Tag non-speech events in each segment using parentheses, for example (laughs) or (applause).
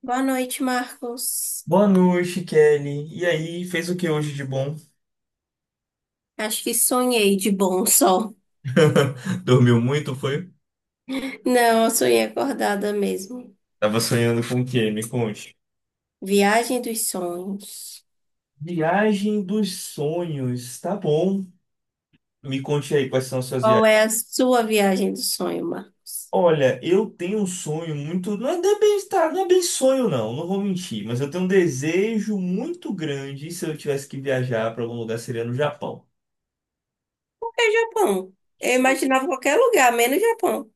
Boa noite, Marcos. Boa noite, Kelly. E aí, fez o que hoje de bom? Acho que sonhei de bom sol. (laughs) Dormiu muito, foi? Não, eu sonhei acordada mesmo. Tava sonhando com o quê? Me conte. Viagem dos sonhos. Viagem dos sonhos, tá bom. Me conte aí quais são as suas Qual viagens. é a sua viagem do sonho, Marcos? Olha, eu tenho um sonho muito. Não é bem, tá, não é bem sonho, não, não vou mentir, mas eu tenho um desejo muito grande. E se eu tivesse que viajar para algum lugar, seria no Japão. É Japão. Eu Sou- imaginava qualquer lugar, menos Japão.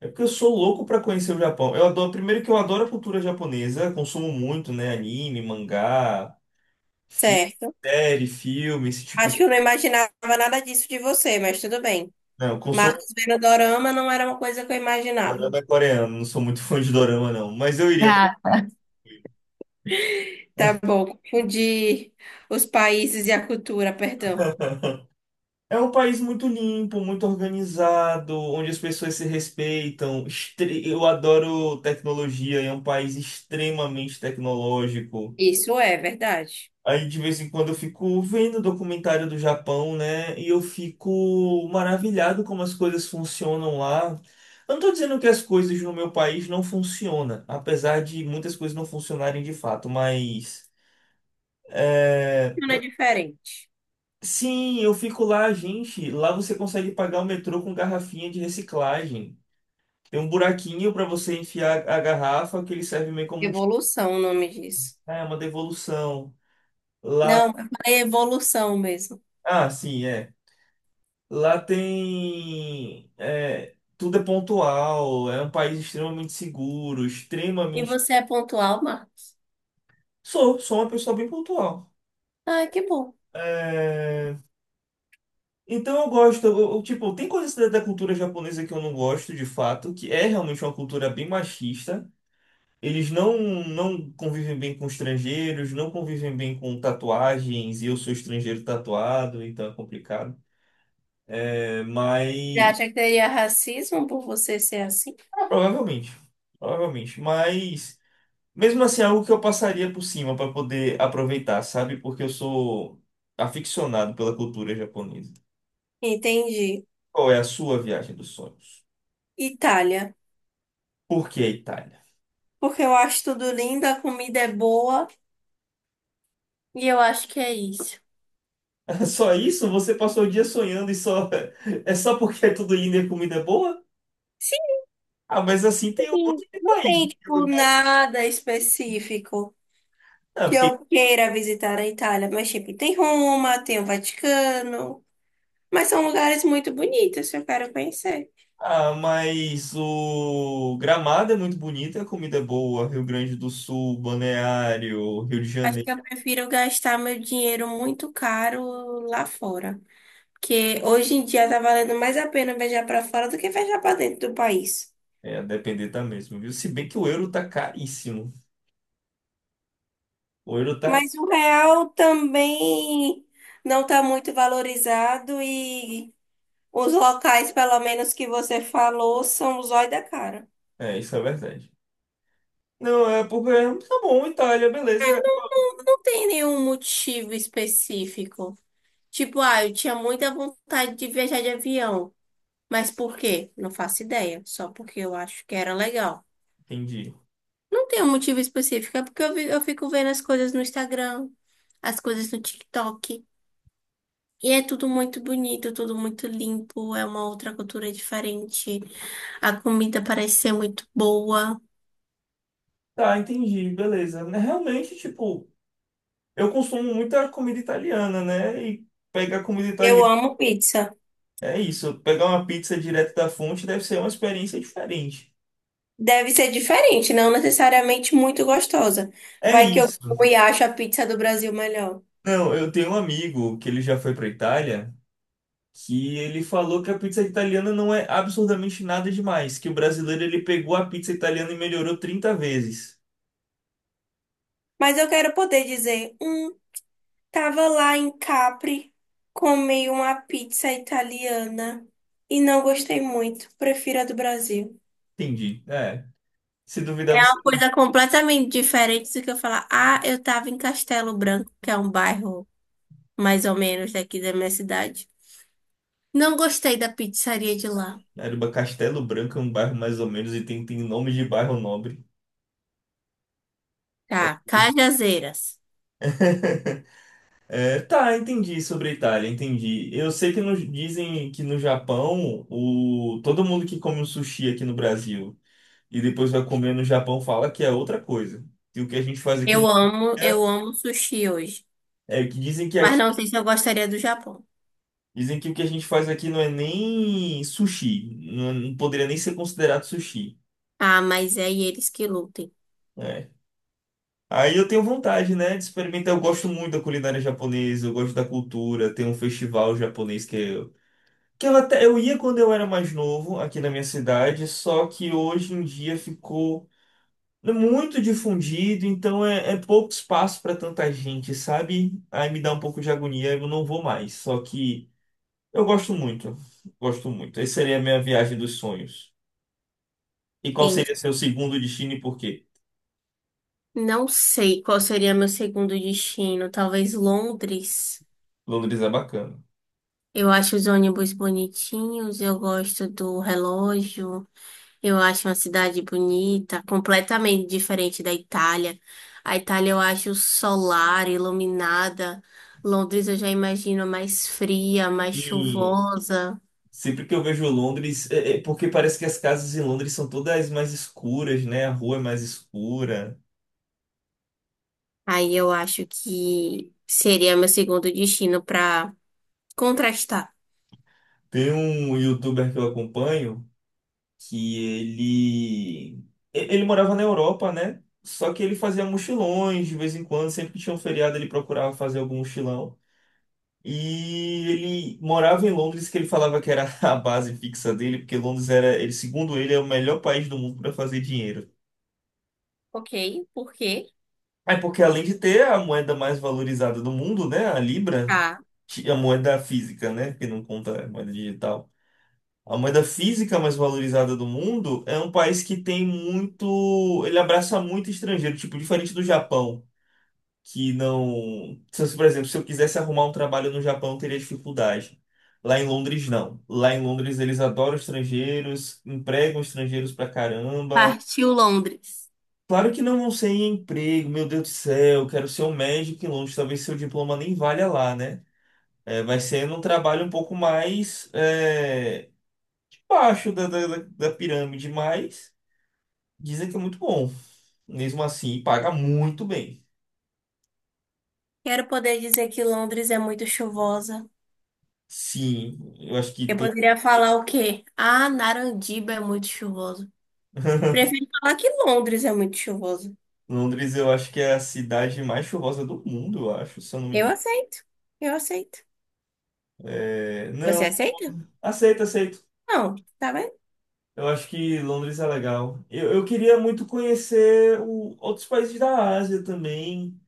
É porque eu sou louco para conhecer o Japão. Eu adoro, primeiro que eu adoro a cultura japonesa, consumo muito, né? Anime, mangá. Fi- Certo. Série, filme, esse tipo Acho de. que eu não imaginava nada disso de você, mas tudo bem. Não, eu Marcos consumo vendo dorama não era uma coisa que eu imaginava. dorama coreano, não sou muito fã de dorama, não. Mas eu iria pra. Tá bom, confundi os países e a cultura, perdão. É um país muito limpo, muito organizado, onde as pessoas se respeitam. Eu adoro tecnologia, é um país extremamente tecnológico. Isso é verdade. Aí de vez em quando eu fico vendo documentário do Japão, né? E eu fico maravilhado como as coisas funcionam lá. Eu não tô dizendo que as coisas no meu país não funcionam, apesar de muitas coisas não funcionarem de fato, mas é, Não é diferente. Sim, eu fico lá, gente. Lá você consegue pagar o metrô com garrafinha de reciclagem. Tem um buraquinho para você enfiar a garrafa que ele serve meio como um. Evolução, o nome disso. É uma devolução. Não, eu falei evolução mesmo. Ah, sim, é. Lá tem. Tudo é pontual, é um país extremamente seguro, E extremamente. você é pontual, Marcos? Sou uma pessoa bem pontual. Ah, que bom. É, então eu gosto, tipo, tem coisas da cultura japonesa que eu não gosto, de fato, que é realmente uma cultura bem machista. Eles não convivem bem com estrangeiros, não convivem bem com tatuagens, e eu sou estrangeiro tatuado, então é complicado. É, Você mas. acha que teria racismo por você ser assim? Ah, provavelmente. Provavelmente. Mas. Mesmo assim, é algo que eu passaria por cima para poder aproveitar, sabe? Porque eu sou aficionado pela cultura japonesa. Entendi. Qual é a sua viagem dos sonhos? Itália. Por que a Itália? Porque eu acho tudo lindo, a comida é boa e eu acho que é isso. (laughs) Só isso? Você passou o dia sonhando e só (laughs) é só porque é tudo lindo e a comida é boa? Ah, mas assim tem um Sim, monte de não país, tem, né, de tipo, lugar. nada específico Não, que porque eu queira visitar a Itália. Mas, tipo, tem Roma, tem o Vaticano. Mas são lugares muito bonitos que eu quero conhecer. Mas o Gramado é muito bonito, a comida é boa, Rio Grande do Sul, Balneário, Rio de Acho que Janeiro. eu prefiro gastar meu dinheiro muito caro lá fora. Porque hoje em dia tá valendo mais a pena viajar para fora do que viajar para dentro do país. É, a depender tá mesmo, viu? Se bem que o euro tá caríssimo. O euro tá. Mas o real também não está muito valorizado e os locais, pelo menos que você falou, são o zóio da cara. É, isso é verdade. Não, é porque tá bom, Itália, beleza. Não tem nenhum motivo específico. Tipo, ah, eu tinha muita vontade de viajar de avião. Mas por quê? Não faço ideia. Só porque eu acho que era legal. Entendi. Não tem um motivo específico, é porque eu, eu fico vendo as coisas no Instagram, as coisas no TikTok. E é tudo muito bonito, tudo muito limpo, é uma outra cultura diferente. A comida parece ser muito boa. Tá, entendi, beleza. Né, realmente, tipo, eu consumo muita comida italiana, né? E pegar comida Eu italiana amo pizza. é isso. Pegar uma pizza direto da fonte deve ser uma experiência diferente. Deve ser diferente, não necessariamente muito gostosa. É Vai que eu isso. como e acho a pizza do Brasil melhor. Não, eu tenho um amigo que ele já foi pra Itália, que ele falou que a pizza italiana não é absurdamente nada demais, que o brasileiro ele pegou a pizza italiana e melhorou 30 vezes. Mas eu quero poder dizer. Tava lá em Capri, comi uma pizza italiana e não gostei muito. Prefiro a do Brasil. Entendi. É. Se duvidar, você. Uma coisa completamente diferente do que eu falar. Ah, eu tava em Castelo Branco, que é um bairro mais ou menos daqui da minha cidade. Não gostei da pizzaria de lá. Caramba, Castelo Branco é um bairro mais ou menos e tem nome de bairro nobre. Tá, Cajazeiras. (laughs) É, tá, entendi sobre a Itália, entendi. Eu sei que dizem que no Japão todo mundo que come um sushi aqui no Brasil e depois vai comer no Japão fala que é outra coisa. E o que a gente faz aqui Eu não amo, é, eu amo sushi hoje. é que dizem que Mas não sei se eu gostaria do Japão. dizem que o que a gente faz aqui não é nem sushi, não, não poderia nem ser considerado sushi. Ah, mas é eles que lutem. Né? Aí eu tenho vontade, né, de experimentar. Eu gosto muito da culinária japonesa, eu gosto da cultura. Tem um festival japonês que eu até eu ia quando eu era mais novo aqui na minha cidade, só que hoje em dia ficou muito difundido, então é pouco espaço para tanta gente, sabe? Aí me dá um pouco de agonia, eu não vou mais. Só que eu gosto muito, gosto muito. Essa seria a minha viagem dos sonhos. E qual Entendi. seria seu segundo destino e por quê? Não sei qual seria meu segundo destino. Talvez Londres. Londres é bacana. Eu acho os ônibus bonitinhos, eu gosto do relógio, eu acho uma cidade bonita, completamente diferente da Itália. A Itália eu acho solar, iluminada. Londres eu já imagino mais fria, mais Sim, chuvosa. sempre que eu vejo Londres, é porque parece que as casas em Londres são todas mais escuras, né? A rua é mais escura. Aí eu acho que seria meu segundo destino para contrastar. Tem um youtuber que eu acompanho que ele morava na Europa, né? Só que ele fazia mochilões de vez em quando, sempre que tinha um feriado ele procurava fazer algum mochilão. E ele morava em Londres, que ele falava que era (laughs) a base fixa dele, porque Londres era, ele, segundo ele, é o melhor país do mundo para fazer dinheiro. Ok, por quê? É porque além de ter a moeda mais valorizada do mundo, né, a Libra, Tá. que a moeda física, né? Que não conta a moeda digital. A moeda física mais valorizada do mundo é um país que tem muito. Ele abraça muito estrangeiro, tipo, diferente do Japão, que não. Se, eu- Por exemplo, se eu quisesse arrumar um trabalho no Japão, eu teria dificuldade. Lá em Londres, não. Lá em Londres, eles adoram estrangeiros, empregam estrangeiros pra caramba. Partiu Londres. Claro que não vão ser em emprego, meu Deus do céu, quero ser um médico em Londres, talvez seu diploma nem valha lá, né? É, vai sendo um trabalho um pouco mais baixo da pirâmide, mas dizem que é muito bom. Mesmo assim, paga muito bem. Quero poder dizer que Londres é muito chuvosa. Sim, eu acho que Eu tem. poderia falar o quê? Ah, Narandiba é muito chuvoso. (laughs) Prefiro falar que Londres é muito chuvoso. Londres, eu acho que é a cidade mais chuvosa do mundo, eu acho, se eu não me Eu engano. aceito. Eu aceito. É, Você não, aceita? aceito, aceito. Não, tá vendo? Eu acho que Londres é legal. Eu queria muito conhecer outros países da Ásia também.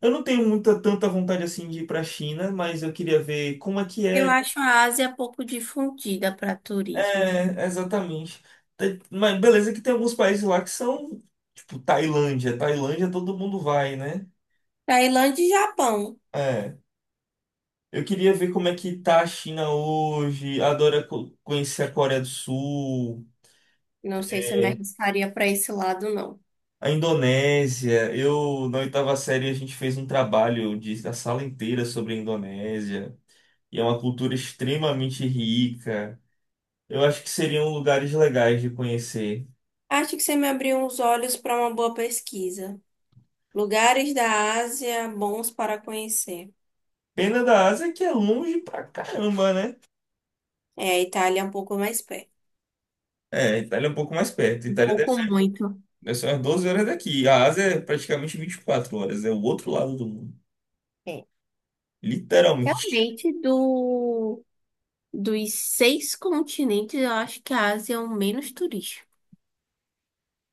Eu não tenho muita tanta vontade assim de ir para a China, mas eu queria ver como é que Eu é. acho a Ásia pouco difundida para turismo. É, exatamente. Mas beleza que tem alguns países lá que são, tipo, Tailândia. Tailândia todo mundo vai, né? Tailândia e Japão. É. Eu queria ver como é que tá a China hoje. Adoro conhecer a Coreia do Sul, Não sei se eu me é, arriscaria para esse lado, não. a Indonésia. Eu, na oitava série, a gente fez um trabalho da sala inteira sobre a Indonésia. E é uma cultura extremamente rica. Eu acho que seriam lugares legais de conhecer. Acho que você me abriu os olhos para uma boa pesquisa. Lugares da Ásia bons para conhecer. Pena da Ásia é que é longe pra caramba, né? É, a Itália é um pouco mais perto. É, a Itália é um pouco mais perto. A Um Itália deve pouco ser, muito. deve ser umas 12 horas daqui. A Ásia é praticamente 24 horas. É o outro lado do mundo. É. Literalmente. (laughs) Realmente, dos 6 continentes, eu acho que a Ásia é o menos turístico.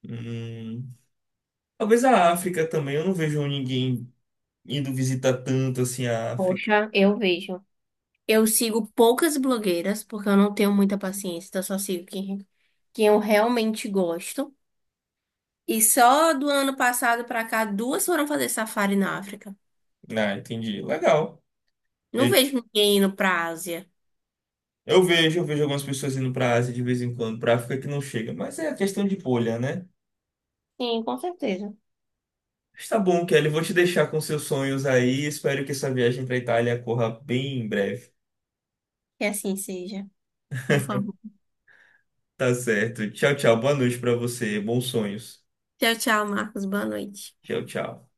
Hum, talvez a África também. Eu não vejo ninguém indo visitar tanto assim a África. Poxa, eu vejo. Eu sigo poucas blogueiras, porque eu não tenho muita paciência, então eu só sigo quem eu realmente gosto. E só do ano passado pra cá, duas foram fazer safari na África. Ah, entendi. Legal. Não Eu, vejo ninguém indo pra Ásia. eu vejo, eu vejo, algumas pessoas indo pra Ásia de vez em quando, pra África que não chega. Mas é a questão de bolha, né? Sim, com certeza. Mas tá bom, Kelly. Vou te deixar com seus sonhos aí. Espero que essa viagem pra Itália corra bem em breve. Que assim seja. Por favor. Tá certo. Tchau, tchau. Boa noite pra você. Bons sonhos. Tchau, tchau, Marcos. Boa noite. Tchau, tchau.